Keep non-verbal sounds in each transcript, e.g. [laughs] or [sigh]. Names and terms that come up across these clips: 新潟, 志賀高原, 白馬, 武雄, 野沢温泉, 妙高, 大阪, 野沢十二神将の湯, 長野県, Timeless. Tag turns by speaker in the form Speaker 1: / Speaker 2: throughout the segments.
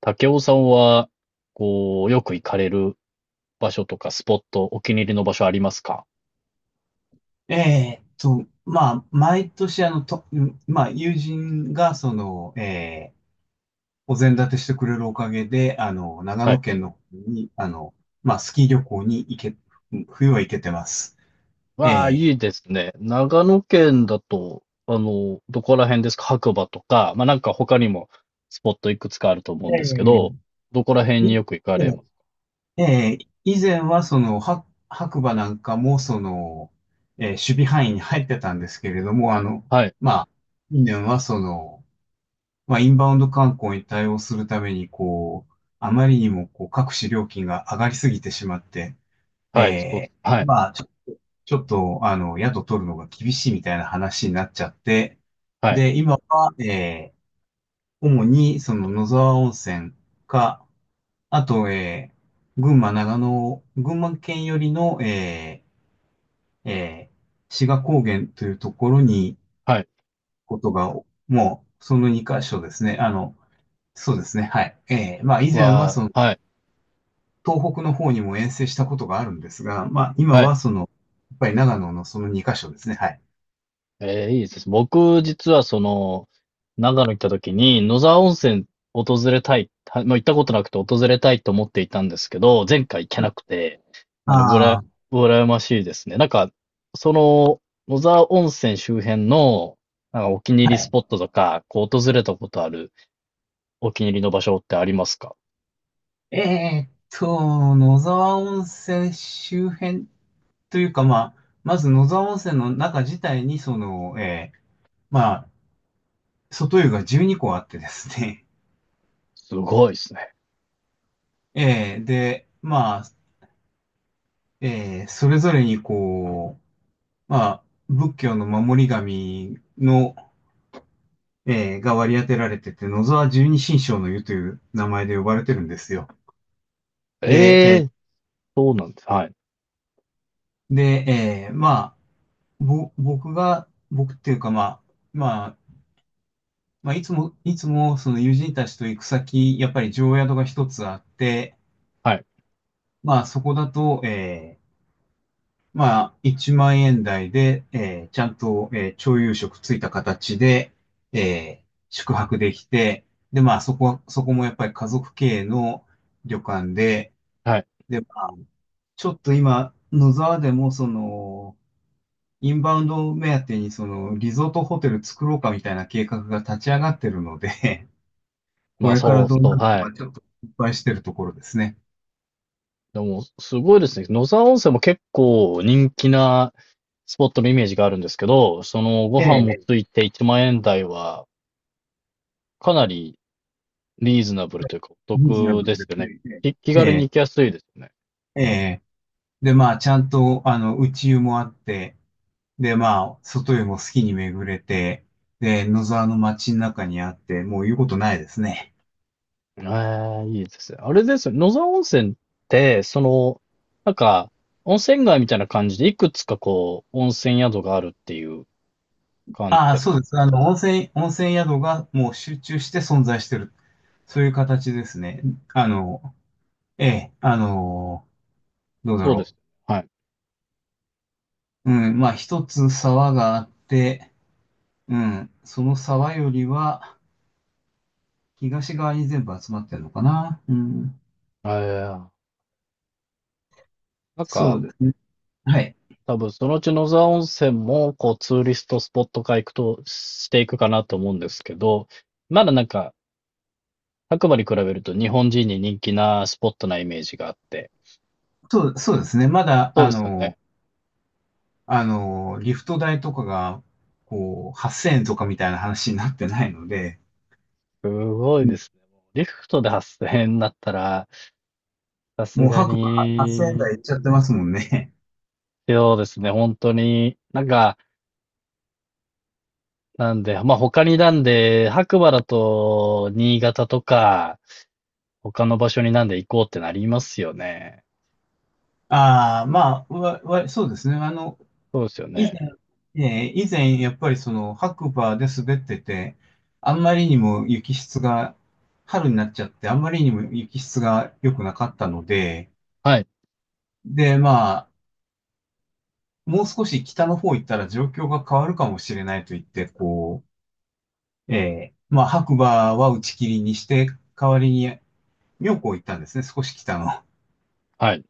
Speaker 1: 武雄さんは、こう、よく行かれる場所とかスポット、お気に入りの場所ありますか？
Speaker 2: まあ、毎年、あの、と、うんまあ、友人が、お膳立てしてくれるおかげで、長
Speaker 1: は
Speaker 2: 野
Speaker 1: い。
Speaker 2: 県の方に、まあ、スキー旅行に行け、うん冬は行けてます。
Speaker 1: わあ、
Speaker 2: え
Speaker 1: いいですね。長野県だと、どこら辺ですか？白馬とか、まあ、なんか他にもスポットいくつかあると思う
Speaker 2: ー
Speaker 1: んですけ
Speaker 2: え
Speaker 1: ど、どこら辺
Speaker 2: ー
Speaker 1: によ
Speaker 2: い
Speaker 1: く行かれます？
Speaker 2: えー以前は、白馬なんかも、守備範囲に入ってたんですけれども、
Speaker 1: はい。
Speaker 2: まあ、近年は、まあ、インバウンド観光に対応するために、こう、あまりにも、こう、各種料金が上がりすぎてしまって、
Speaker 1: はい。そうです。
Speaker 2: え
Speaker 1: はい。
Speaker 2: まあ、ちょっと、宿取るのが厳しいみたいな話になっちゃって、
Speaker 1: はい。
Speaker 2: で、今は、主に、野沢温泉か、あと、長野、群馬県寄りの、ー、え志賀高原というところに、
Speaker 1: はい。
Speaker 2: ことが、もう、その2箇所ですね。そうですね。はい。ええ、まあ以前は
Speaker 1: わ
Speaker 2: その
Speaker 1: あ、はい。
Speaker 2: 東北の方にも遠征したことがあるんですが、まあ今
Speaker 1: はい。
Speaker 2: はやっぱり長野のその2カ所ですね。はい。
Speaker 1: ええ、いいですね。僕、実は長野行った時に、野沢温泉訪れたい、はまあ、行ったことなくて訪れたいと思っていたんですけど、前回行けなくて、なので、
Speaker 2: ああ、
Speaker 1: 羨ましいですね。なんか、その、野沢温泉周辺の、なんかお気に入り
Speaker 2: は
Speaker 1: ス
Speaker 2: い。
Speaker 1: ポットとか、こう訪れたことあるお気に入りの場所ってありますか？
Speaker 2: えーっ野沢温泉周辺というか、まあ、まず野沢温泉の中自体に、まあ、外湯が12個あってですね、
Speaker 1: すごいですね。
Speaker 2: [laughs] で、まあ、それぞれにこう、まあ、仏教の守り神の、が割り当てられてて、野沢十二神将の湯という名前で呼ばれてるんですよ。で、
Speaker 1: ええ、そうなんです。はい。
Speaker 2: で、まあ、ぼ、僕が、僕っていうか、まあ、まあ、いつも、その友人たちと行く先、やっぱり常宿が一つあって、
Speaker 1: はい。
Speaker 2: まあ、そこだと、まあ、1万円台で、ちゃんと、朝夕食ついた形で、えー宿泊できて、で、まあ、そこもやっぱり家族経営の旅館で、
Speaker 1: はい。
Speaker 2: で、まあちょっと今、野沢でもインバウンド目当てにリゾートホテル作ろうかみたいな計画が立ち上がってるので、[laughs] こ
Speaker 1: まあ、
Speaker 2: れから
Speaker 1: そう
Speaker 2: どう
Speaker 1: そう、
Speaker 2: なるの
Speaker 1: は
Speaker 2: か
Speaker 1: い。
Speaker 2: ちょっと心配してるところですね。
Speaker 1: でも、すごいですね。野沢温泉も結構人気なスポットのイメージがあるんですけど、ご
Speaker 2: え
Speaker 1: 飯も
Speaker 2: え、
Speaker 1: ついて1万円台は、かなりリーズナブルというか、お
Speaker 2: リーズナ
Speaker 1: 得
Speaker 2: ブ
Speaker 1: で
Speaker 2: ルで
Speaker 1: すよね。
Speaker 2: すね。
Speaker 1: 気軽に
Speaker 2: え
Speaker 1: 行きやすいですよね。
Speaker 2: え、ええ。で、まあ、ちゃんと、内湯もあって、で、まあ、外湯も好きに巡れて、で、野沢の街の中にあって、もう言うことないですね。
Speaker 1: ええ、いいですね。あれですよね、野沢温泉って、なんか、温泉街みたいな感じで、いくつかこう、温泉宿があるっていう感じ
Speaker 2: ああ、
Speaker 1: ですか？
Speaker 2: そうです。温泉宿がもう集中して存在してるそういう形ですね。あの、ええ、どうだ
Speaker 1: そうで
Speaker 2: ろ
Speaker 1: す。はい。
Speaker 2: う。うん、まあ一つ沢があって、うん、その沢よりは東側に全部集まってるのかな。うん、
Speaker 1: ええ、なん
Speaker 2: そ
Speaker 1: か、
Speaker 2: うですね。はい。
Speaker 1: 多分そのうち野沢温泉も、こう、ツーリストスポット化行くと、していくかなと思うんですけど、まだなんか、白馬に比べると日本人に人気なスポットなイメージがあって。
Speaker 2: そうですね。まだ、
Speaker 1: そうですよね。
Speaker 2: リフト代とかが、こう、8000円とかみたいな話になってないので、
Speaker 1: すごい
Speaker 2: う
Speaker 1: で
Speaker 2: ん
Speaker 1: すね。リフトで発生になだったら、さす
Speaker 2: もう
Speaker 1: が
Speaker 2: 白馬8000円
Speaker 1: に、
Speaker 2: 台いっちゃってますもんね。
Speaker 1: そうですね、本当に。なんか、なんで、まあ、他になんで、白馬だと、新潟とか、他の場所になんで行こうってなりますよね。
Speaker 2: [laughs] ああ、まあ、そうですね。
Speaker 1: そうですよ
Speaker 2: 以
Speaker 1: ね。
Speaker 2: 前、以前、やっぱりその白馬で滑ってて、あんまりにも雪質が、春になっちゃって、あんまりにも雪質が良くなかったので、
Speaker 1: はい。
Speaker 2: で、まあ、もう少し北の方行ったら状況が変わるかもしれないと言って、こう、まあ、白馬は打ち切りにして、代わりに妙高行ったんですね、少し北の。
Speaker 1: はい。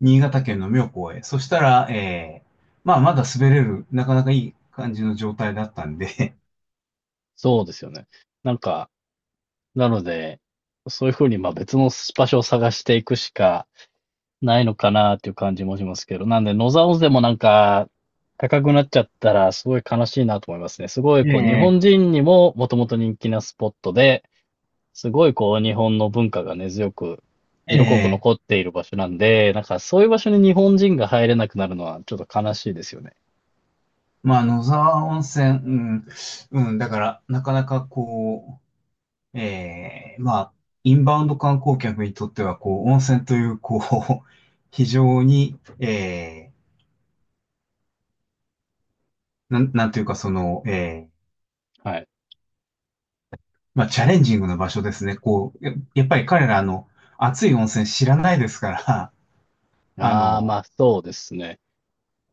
Speaker 2: 新潟県の妙高へ。そしたら、まあ、まだ滑れる、なかなかいい感じの状態だったんで、
Speaker 1: そうですよね。なんか、なので、そういう風に、ま、別の場所を探していくしかないのかなっていう感じもしますけど、なんで、野沢温泉もなんか、高くなっちゃったらすごい悲しいなと思いますね。すごいこう日
Speaker 2: [laughs] え
Speaker 1: 本
Speaker 2: え
Speaker 1: 人にももともと人気なスポットで、すごいこう日本の文化が根強く、色濃く
Speaker 2: ええ
Speaker 1: 残っている場所なんで、なんかそういう場所に日本人が入れなくなるのはちょっと悲しいですよね。
Speaker 2: まあ、野沢温泉、うん、うん、だから、なかなかこう、まあ、インバウンド観光客にとっては、こう、温泉という、こう、[laughs] 非常に、えなんていうか、え
Speaker 1: はい。
Speaker 2: まあ、チャレンジングな場所ですね。こう、やっぱり彼ら、熱い温泉知らないですから、[laughs] あ
Speaker 1: ああ、
Speaker 2: の、
Speaker 1: ま、そうですね。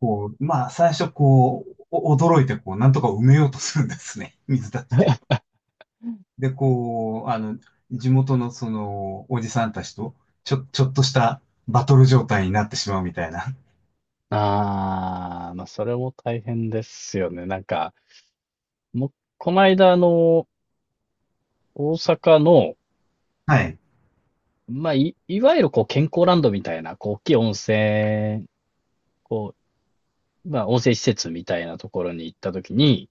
Speaker 2: こう、まあ、最初、こう、驚いて、こう、なんとか埋めようとするんですね。水出して。で、こう、地元のおじさんたちと、ちょっとしたバトル状態になってしまうみたいな。
Speaker 1: ああ、まあ、それも大変ですよね。なんか、もう、この間、大阪の、
Speaker 2: はい。
Speaker 1: まあ、いわゆるこう、健康ランドみたいな、こう、大きい温泉、こう、まあ、温泉施設みたいなところに行ったときに、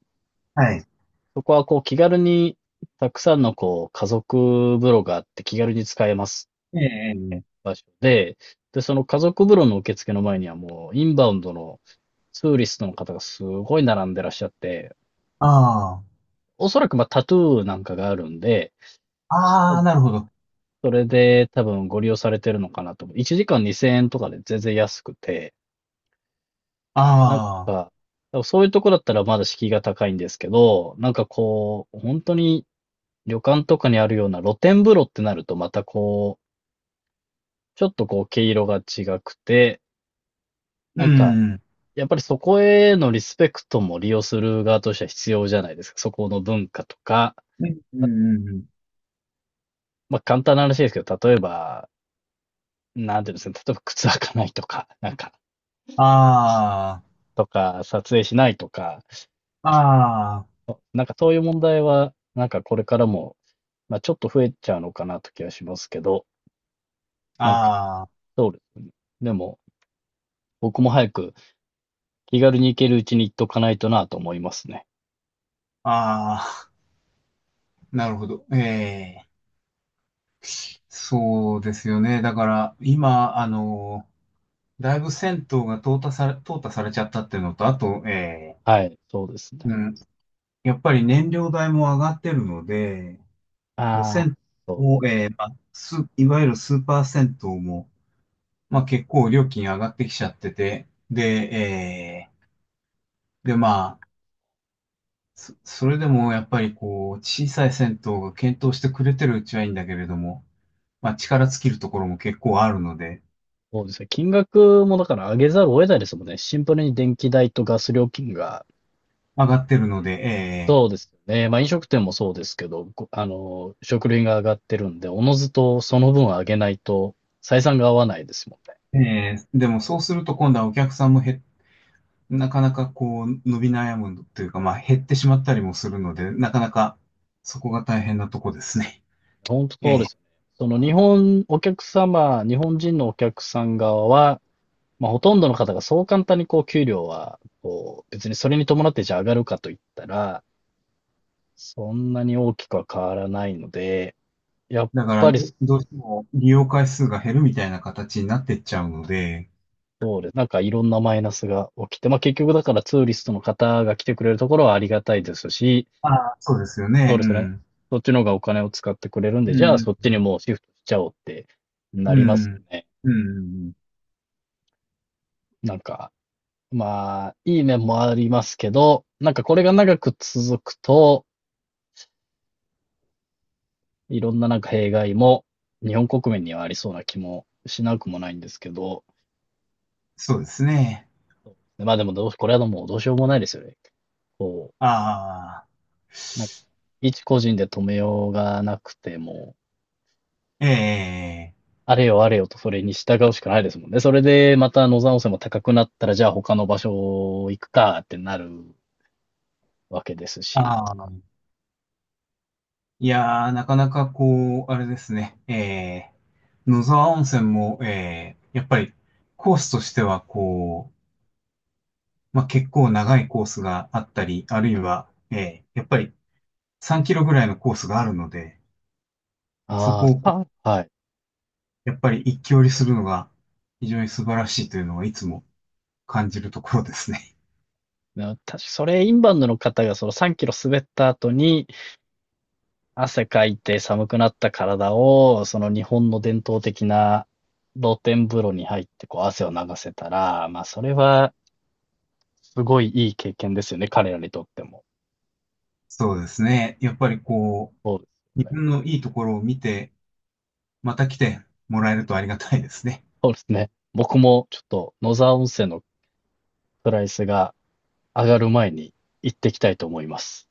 Speaker 2: はい。
Speaker 1: そこはこう、気軽に、たくさんのこう、家族風呂があって気軽に使えます
Speaker 2: え
Speaker 1: ってい
Speaker 2: え、
Speaker 1: う
Speaker 2: ええ。
Speaker 1: 場所で、で、その家族風呂の受付の前にはもう、インバウンドのツーリストの方がすごい並んでらっしゃって、
Speaker 2: ああ。
Speaker 1: おそらくまあ、タトゥーなんかがあるんで、多
Speaker 2: ああ、
Speaker 1: 分
Speaker 2: なるほど。
Speaker 1: それで多分ご利用されてるのかなと思う。1時間2000円とかで全然安くて、なん
Speaker 2: ああ。
Speaker 1: か、多分そういうとこだったらまだ敷居が高いんですけど、なんかこう、本当に旅館とかにあるような露天風呂ってなるとまたこう、ちょっとこう毛色が違くて、
Speaker 2: う
Speaker 1: なんか、
Speaker 2: ん。
Speaker 1: やっぱりそこへのリスペクトも利用する側としては必要じゃないですか。そこの文化とか、
Speaker 2: うん、うん、うんうん。
Speaker 1: まあ簡単な話ですけど、例えば、なんていうんですかね、例えば靴履かないとか、なんか、
Speaker 2: あ
Speaker 1: とか、撮影しないとか、
Speaker 2: あ。あ
Speaker 1: なんかそういう問題は、なんかこれからも、まあ、ちょっと増えちゃうのかなと気はしますけど、
Speaker 2: あ。
Speaker 1: なんか、
Speaker 2: ああ。
Speaker 1: でも、僕も早く気軽に行けるうちに行っとかないとなと思いますね。
Speaker 2: ああ。なるほど。ええ。そうですよね。だから、今、だいぶ銭湯が淘汰されちゃったっていうのと、あと、え、
Speaker 1: はい、そうですね。
Speaker 2: うん、やっぱり燃料代も上がってるので、こう
Speaker 1: ああ、
Speaker 2: 銭
Speaker 1: そ
Speaker 2: 湯
Speaker 1: う、
Speaker 2: を、まあ、いわゆるスーパー銭湯も、まあ、結構料金上がってきちゃってて、で、で、まあ、それでもやっぱりこう、小さい銭湯が検討してくれてるうちはいいんだけれども、まあ、力尽きるところも結構あるので、
Speaker 1: そうですね。金額もだから上げざるを得ないですもんね。シンプルに電気代とガス料金が、
Speaker 2: 上がってるので、
Speaker 1: そうですよね。まあ飲食店もそうですけど、ごあの、食料品が上がってるんで、おのずとその分上げないと採算が合わないですもんね。
Speaker 2: でもそうすると今度はお客さんもなかなかこう伸び悩むというか、まあ減ってしまったりもするので、なかなかそこが大変なとこですね。
Speaker 1: 本当
Speaker 2: [laughs] え
Speaker 1: そうで
Speaker 2: え。
Speaker 1: すよね。その日本、お客様、日本人のお客さん側は、まあ、ほとんどの方がそう簡単にこう給料は、こう、別にそれに伴ってじゃあ上がるかといったら、そんなに大きくは変わらないので、やっ
Speaker 2: だか
Speaker 1: ぱ
Speaker 2: ら
Speaker 1: り
Speaker 2: ど、どうしても利用回数が減るみたいな形になってっちゃうので、
Speaker 1: そうです。なんかいろんなマイナスが起きて、まあ結局だからツーリストの方が来てくれるところはありがたいですし、
Speaker 2: ああ、そうですよ
Speaker 1: そう
Speaker 2: ね。う
Speaker 1: ですね。
Speaker 2: ん。
Speaker 1: そっちの方がお金を使ってくれるんで、
Speaker 2: う
Speaker 1: じゃあ
Speaker 2: ん。
Speaker 1: そっちにもうシフトしちゃおうってな
Speaker 2: う
Speaker 1: りますよ
Speaker 2: ん。
Speaker 1: ね。
Speaker 2: うん。
Speaker 1: なんかまあ、いい面もありますけど、なんかこれが長く続くと、いろんななんか弊害も日本国民にはありそうな気もしなくもないんですけど、
Speaker 2: そうですね。
Speaker 1: まあでもどう、これはもうどうしようもないですよね。こ
Speaker 2: ああ。
Speaker 1: う、なんか、一個人で止めようがなくても、
Speaker 2: ええ。
Speaker 1: あれよあれよとそれに従うしかないですもんね。それでまた野山温泉も高くなったら、じゃあ他の場所行くかってなるわけですし。
Speaker 2: ああ。いやー、なかなかこう、あれですね、野沢温泉も、やっぱりコースとしてはこう、まあ、結構長いコースがあったり、あるいは、やっぱり3キロぐらいのコースがあるので、そ
Speaker 1: あ
Speaker 2: こを
Speaker 1: あ、
Speaker 2: こ
Speaker 1: はい。
Speaker 2: うやっぱり一気折りするのが非常に素晴らしいというのはいつも感じるところですね。
Speaker 1: 確かそれ、インバウンドの方がその3キロ滑った後に汗かいて寒くなった体を、その日本の伝統的な露天風呂に入ってこう汗を流せたら、まあそれはすごいいい経験ですよね、彼らにとっても。
Speaker 2: [laughs] そうですね。やっぱりこ
Speaker 1: そうで
Speaker 2: う、
Speaker 1: す
Speaker 2: 自
Speaker 1: よね。
Speaker 2: 分のいいところを見て、また来てもらえるとありがたいですね。
Speaker 1: そうですね。僕もちょっと野沢温泉のプライスが上がる前に行ってきたいと思います。